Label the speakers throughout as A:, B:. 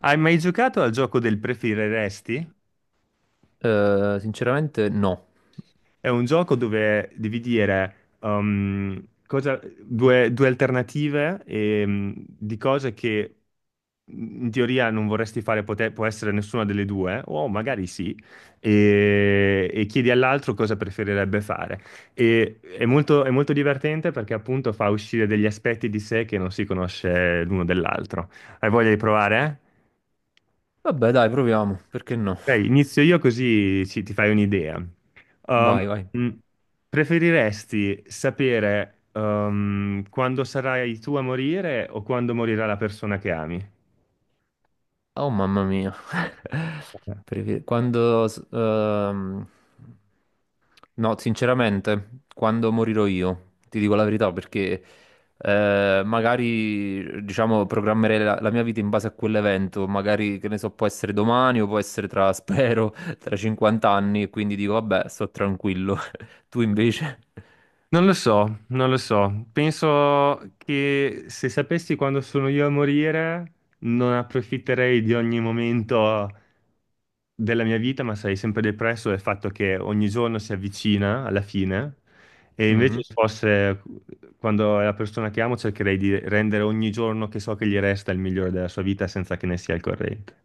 A: Hai mai giocato al gioco del preferiresti?
B: Sinceramente no.
A: È un gioco dove devi dire due alternative di cose che in teoria non vorresti fare, può essere nessuna delle due, o magari sì, e chiedi all'altro cosa preferirebbe fare. È molto divertente perché appunto fa uscire degli aspetti di sé che non si conosce l'uno dell'altro. Hai voglia di provare?
B: Vabbè, dai, proviamo. Perché no?
A: Ok, inizio io così ti fai un'idea. Um,
B: Vai, vai.
A: mh, Preferiresti sapere quando sarai tu a morire o quando morirà la persona che ami?
B: Oh, mamma mia. Perché Quando... s- ehm, No, sinceramente, quando morirò io, ti dico la verità, perché magari, diciamo, programmerei la mia vita in base a quell'evento, magari, che ne so, può essere domani o può essere tra, spero, tra 50 anni, e quindi dico, vabbè, sto tranquillo. Tu invece?
A: Non lo so, non lo so. Penso che se sapessi quando sono io a morire, non approfitterei di ogni momento della mia vita, ma sarei sempre depresso del fatto che ogni giorno si avvicina alla fine. E invece
B: Mhm.
A: se fosse quando è la persona che amo, cercherei di rendere ogni giorno che so che gli resta il migliore della sua vita senza che ne sia al corrente.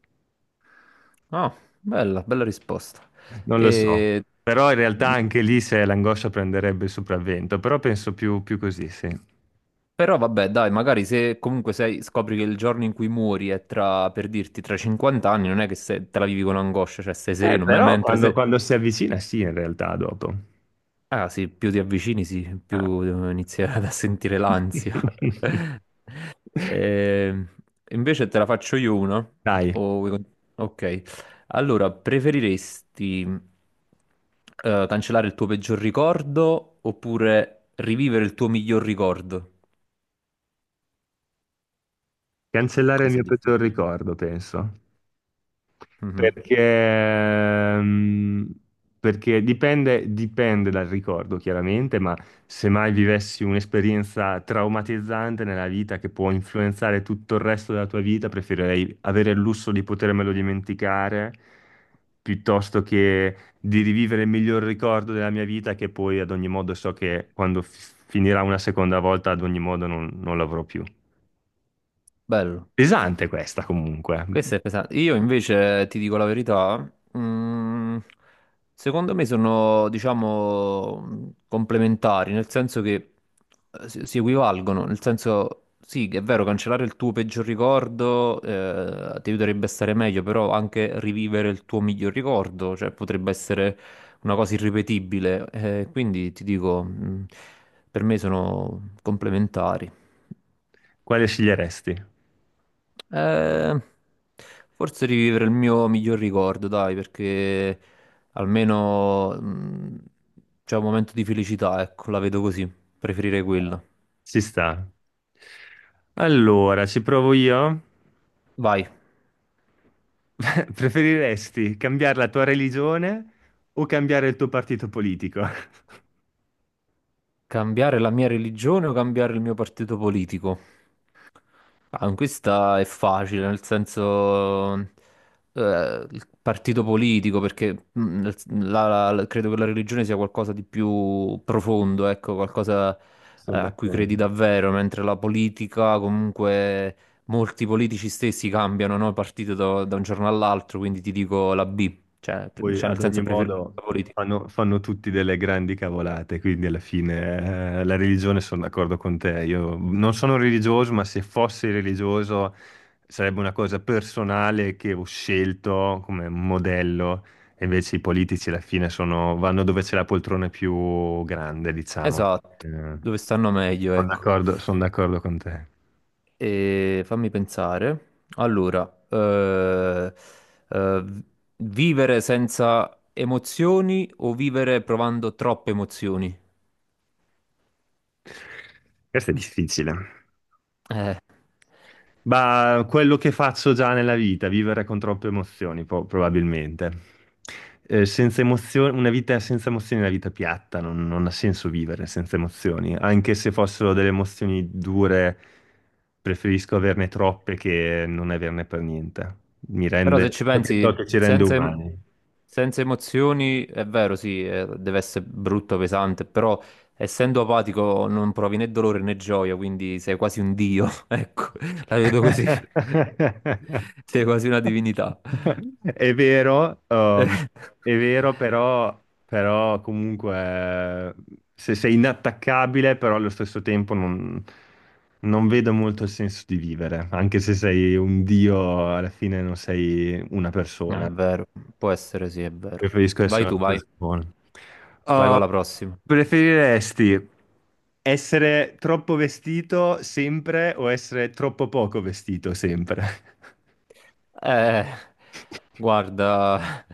B: Ah, bella, bella risposta.
A: Non lo so.
B: E...
A: Però in realtà anche lì se l'angoscia prenderebbe il sopravvento, però penso più così, sì.
B: Però vabbè, dai, magari se comunque scopri che il giorno in cui muori è tra, per dirti, tra 50 anni, non è che te la vivi con angoscia, cioè sei sereno, mentre
A: Quando,
B: se.
A: quando si avvicina, sì, in realtà, dopo.
B: Ah sì, più ti avvicini, sì,
A: Ah.
B: più inizi a sentire l'ansia. Eh, invece te la faccio io una.
A: Dai,
B: O vuoi con- Ok. Allora, preferiresti cancellare il tuo peggior ricordo oppure rivivere il tuo miglior ricordo?
A: cancellare il
B: Questo è
A: mio peggior
B: difficile.
A: ricordo, penso.
B: Mhm.
A: Perché, perché dipende dal ricordo, chiaramente, ma se mai vivessi un'esperienza traumatizzante nella vita che può influenzare tutto il resto della tua vita, preferirei avere il lusso di potermelo dimenticare piuttosto che di rivivere il miglior ricordo della mia vita, che poi ad ogni modo so che quando finirà una seconda volta, ad ogni modo non l'avrò più.
B: Bello.
A: Pesante questa comunque.
B: Questo è pesante. Io invece ti dico la verità, mm, secondo me sono, diciamo, complementari, nel senso che si equivalgono, nel senso, sì, che è vero, cancellare il tuo peggior ricordo ti aiuterebbe a stare meglio, però anche rivivere il tuo miglior ricordo, cioè potrebbe essere una cosa irripetibile, quindi ti dico, per me sono complementari.
A: Quale sceglieresti?
B: Eh, forse rivivere il mio miglior ricordo, dai, perché almeno c'è un momento di felicità, ecco, la vedo così, preferirei quello.
A: Ci sta. Allora, ci provo io.
B: Vai,
A: Preferiresti cambiare la tua religione o cambiare il tuo partito politico?
B: cambiare la mia religione o cambiare il mio partito politico? Ah, questa è facile, nel senso, il partito politico, perché mm, nel- credo che la religione sia qualcosa di più profondo, ecco, qualcosa,
A: Sono
B: a cui credi
A: d'accordo.
B: davvero, mentre la politica, comunque, molti politici stessi cambiano, no, partito da un giorno all'altro, quindi ti dico la B, cioè, pre-
A: Poi
B: cioè
A: ad
B: nel
A: ogni
B: senso preferisco
A: modo
B: la politica.
A: fanno tutti delle grandi cavolate, quindi alla fine la religione sono d'accordo con te. Io non sono religioso, ma se fossi religioso sarebbe una cosa personale che ho scelto come modello, e invece i politici alla fine vanno dove c'è la poltrona più grande, diciamo.
B: Esatto,
A: Eh,
B: dove stanno meglio, ecco.
A: sono d'accordo con te.
B: E fammi pensare. Allora, eh, vivere senza emozioni o vivere provando troppe emozioni?
A: Questo è difficile.
B: Eh,
A: Ma quello che faccio già nella vita, vivere con troppe emozioni, probabilmente. Senza emozioni, una vita senza emozioni è una vita piatta, non ha senso vivere senza emozioni. Anche se fossero delle emozioni dure, preferisco averne troppe che non averne per niente. Mi
B: però se
A: rende,
B: ci
A: ciò che
B: pensi,
A: ci rende
B: senza, em-
A: umani.
B: senza emozioni è vero, sì, deve essere brutto, pesante, però essendo apatico non provi né dolore né gioia, quindi sei quasi un dio, ecco, la vedo così. Sei quasi una divinità.
A: È vero,
B: Eh.
A: è vero, però comunque eh, se sei inattaccabile, però allo stesso tempo non vedo molto il senso di vivere, anche se sei un dio, alla fine non sei una
B: È
A: persona.
B: vero, può essere sì, è vero.
A: Preferisco
B: Vai
A: essere
B: tu,
A: una
B: vai,
A: persona.
B: vai
A: Uh,
B: con la prossima.
A: preferiresti essere troppo vestito sempre o essere troppo poco vestito sempre?
B: Eh, guarda,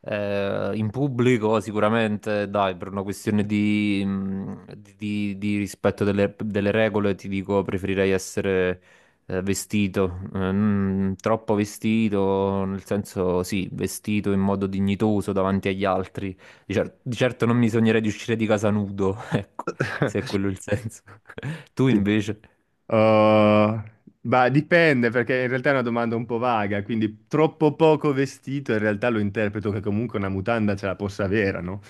B: in pubblico sicuramente, dai, per una questione di rispetto delle regole, ti dico, preferirei essere vestito, non troppo vestito, nel senso, sì, vestito in modo dignitoso davanti agli altri. Di certo non mi sognerei di uscire di casa nudo, ecco, se è quello il senso. Tu
A: Sì.
B: invece?
A: Oh, ma dipende perché in realtà è una domanda un po' vaga, quindi troppo poco vestito in realtà lo interpreto che comunque una mutanda ce la possa avere, no?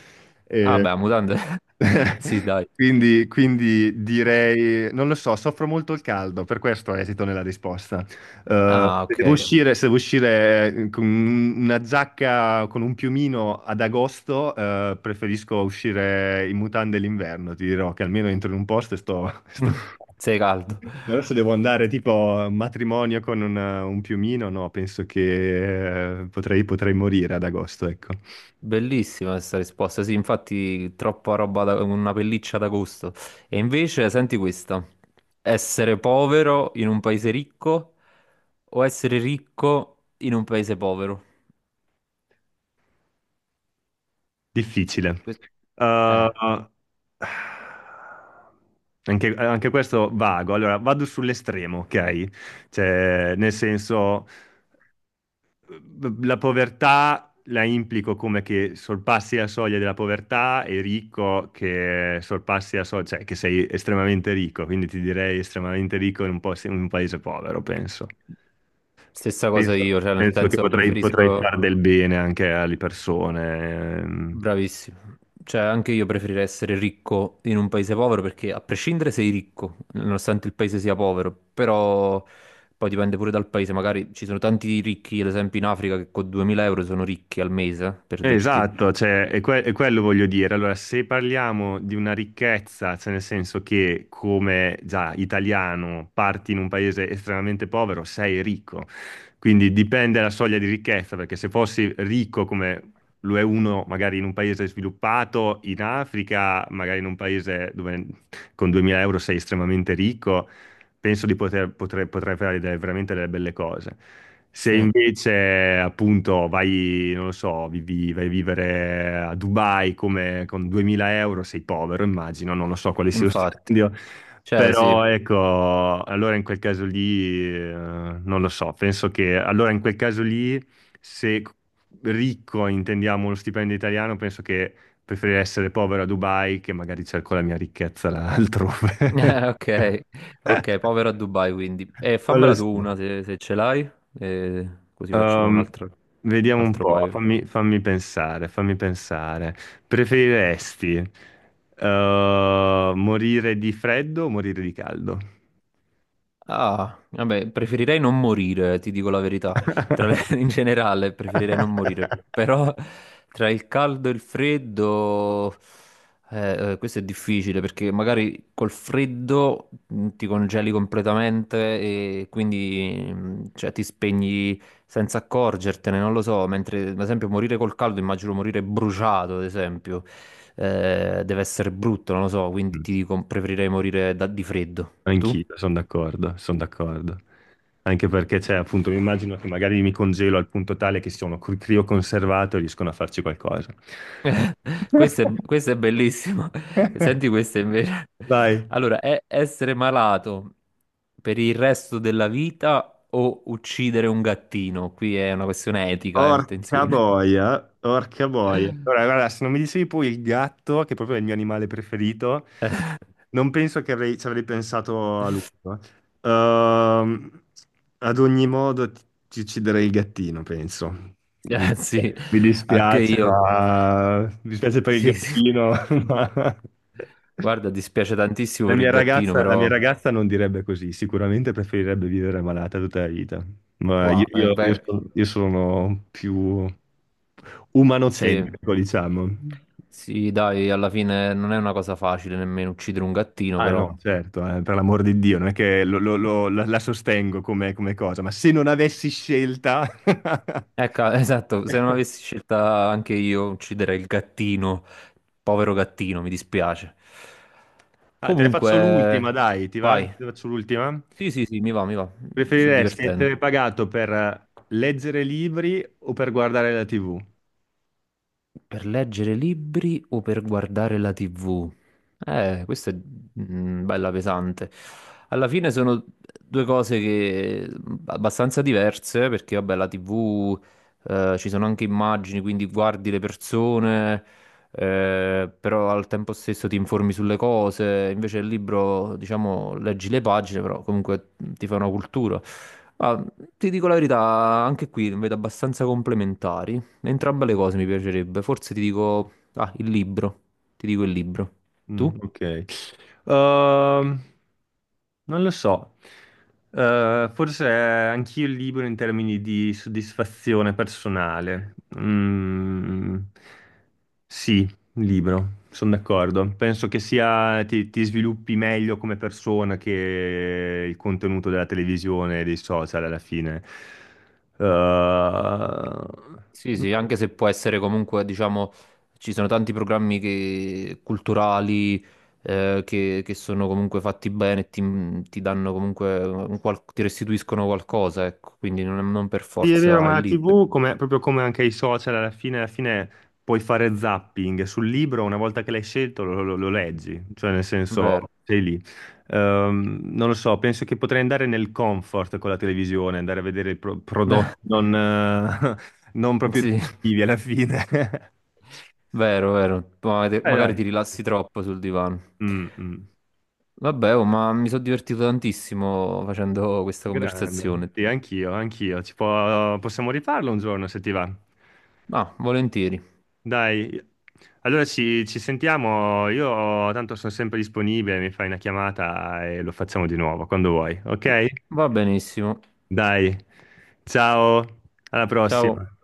B: Ah,
A: Eh,
B: beh, mutande. Sì, dai.
A: quindi direi, non lo so, soffro molto il caldo, per questo esito nella risposta.
B: Ah, ok.
A: Se devo uscire con una giacca, con un piumino ad agosto, preferisco uscire in mutande l'inverno, ti dirò che almeno entro in un posto e sto
B: Sei caldo.
A: Adesso devo andare tipo a un matrimonio con un piumino, no, penso che potrei morire ad agosto, ecco.
B: Bellissima questa risposta. Sì, infatti, troppa roba da una pelliccia d'agosto. E invece, senti questa: essere povero in un paese ricco o essere ricco in un paese povero?
A: Difficile.
B: Que- Eh,
A: Uh, anche questo vago. Allora, vado sull'estremo, ok? Cioè, nel senso, la povertà la implico come che sorpassi la soglia della povertà e ricco che sorpassi la soglia, cioè che sei estremamente ricco, quindi ti direi estremamente ricco in in un paese povero, penso.
B: stessa cosa
A: Penso,
B: io, cioè, nel
A: penso che
B: senso,
A: potrei
B: preferisco.
A: fare del bene anche alle persone.
B: Bravissimo. Cioè, anche io preferirei essere ricco in un paese povero perché a prescindere sei ricco, nonostante il paese sia povero, però poi dipende pure dal paese, magari ci sono tanti ricchi, ad esempio in Africa, che con 2000 euro sono ricchi al mese, per dirti.
A: Esatto, è quello voglio dire. Allora, se parliamo di una ricchezza, cioè nel senso che come già italiano parti in un paese estremamente povero, sei ricco. Quindi dipende la soglia di ricchezza, perché se fossi ricco come lo è uno magari in un paese sviluppato, in Africa, magari in un paese dove con 2000 euro sei estremamente ricco, penso di potrei, potrei fare veramente delle belle cose. Se
B: Sì,
A: invece appunto vai, non lo so, vai a vivere a Dubai come, con 2000 euro, sei povero, immagino, non lo so quale sia lo
B: infatti.
A: stipendio,
B: Cioè, sì.
A: però ecco, allora in quel caso lì, non lo so, penso che allora in quel caso lì, se ricco intendiamo lo stipendio italiano, penso che preferirei essere povero a Dubai che magari cerco la mia ricchezza là altrove.
B: Ok, ok, povero a Dubai quindi. E
A: Non lo
B: fammela tu
A: so.
B: una se ce l'hai, e così facciamo un
A: Ehm,
B: altro,
A: vediamo un
B: altro
A: po',
B: paio.
A: fammi pensare. Preferiresti morire di freddo o morire di caldo?
B: Ah, vabbè, preferirei non morire, ti dico la verità. In generale, preferirei non morire. Però tra il caldo e il freddo, questo è difficile perché magari col freddo ti congeli completamente e quindi cioè, ti spegni senza accorgertene, non lo so. Mentre, ad esempio, morire col caldo, immagino morire bruciato, ad esempio, deve essere brutto, non lo so. Quindi
A: Mm,
B: ti dico, preferirei morire di freddo. Tu?
A: anch'io, sono d'accordo, sono d'accordo. Anche perché c'è appunto, mi immagino che magari mi congelo al punto tale che sono crioconservato e riescono a farci qualcosa.
B: Questo è, questo è bellissimo. Senti questo invece.
A: Vai.
B: Allora, è essere malato per il resto della vita o uccidere un gattino? Qui è una questione etica,
A: Orca
B: attenzione.
A: boia, orca boia. Allora, guarda, se non mi dicevi poi il gatto, che proprio è il mio animale preferito, non penso che ci avrei pensato a lungo. Ehm, ad ogni modo ti ucciderei il gattino, penso. Mi,
B: Sì,
A: mi
B: anche
A: dispiace,
B: io.
A: ma mi dispiace per il
B: Sì, sì.
A: gattino, ma...
B: Guarda, dispiace tantissimo per il gattino,
A: La mia
B: però.
A: ragazza non direbbe così, sicuramente preferirebbe vivere malata tutta la vita, ma
B: Wow, beh,
A: io sono più
B: sì.
A: umanocentrico, diciamo.
B: Sì, dai, alla fine non è una cosa facile nemmeno uccidere un gattino,
A: Ah
B: però.
A: no, certo, per l'amor di Dio, non è che la sostengo come cosa, ma se non avessi scelta...
B: Ecco, esatto, se non avessi scelta anche io ucciderei il gattino, povero gattino, mi dispiace.
A: Ah, te ne faccio
B: Comunque,
A: l'ultima, dai, ti va? Te
B: vai.
A: ne faccio l'ultima?
B: Sì, sì, sì, mi va, mi va, mi sto
A: Preferiresti
B: divertendo.
A: essere pagato per leggere libri o per guardare la TV?
B: Per leggere libri o per guardare la TV? Questa è bella pesante. Alla fine sono due cose che abbastanza diverse, perché vabbè, la TV ci sono anche immagini, quindi guardi le persone, però al tempo stesso ti informi sulle cose. Invece il libro, diciamo, leggi le pagine, però comunque ti fa una cultura. Ma ti dico la verità, anche qui vedo abbastanza complementari. Entrambe le cose mi piacerebbe. Forse ti dico, il libro. Ti dico il libro.
A: Mm,
B: Tu?
A: ok. Ehm, non lo so. Forse è anch'io libero in termini di soddisfazione personale. Mm, sì, libero, sono d'accordo. Penso che sia ti sviluppi meglio come persona che il contenuto della televisione e dei social alla fine. Eh,
B: Sì, sì, anche se può essere comunque, diciamo, ci sono tanti programmi culturali che sono comunque fatti bene e ti danno comunque, ti restituiscono qualcosa, ecco, quindi non per
A: Sì, è vero,
B: forza
A: ma
B: il
A: la
B: libro.
A: TV, proprio come anche i social, alla fine puoi fare zapping sul libro, una volta che l'hai scelto lo leggi, cioè nel senso
B: Vero.
A: sei lì. Non lo so, penso che potrei andare nel comfort con la televisione, andare a vedere i prodotti non, non proprio
B: Sì.
A: educativi alla fine.
B: Vero, vero. Ma-
A: Dai,
B: Magari ti
A: dai.
B: rilassi troppo sul divano.
A: Mm, mm.
B: Vabbè, oh, ma mi sono divertito tantissimo facendo questa
A: Grande,
B: conversazione.
A: sì, anch'io, anch'io. Possiamo rifarlo un giorno se ti va.
B: Ah, volentieri.
A: Dai, allora ci sentiamo, io tanto sono sempre disponibile, mi fai una chiamata e lo facciamo di nuovo quando vuoi, ok?
B: Va benissimo.
A: Dai, ciao, alla
B: Ciao.
A: prossima.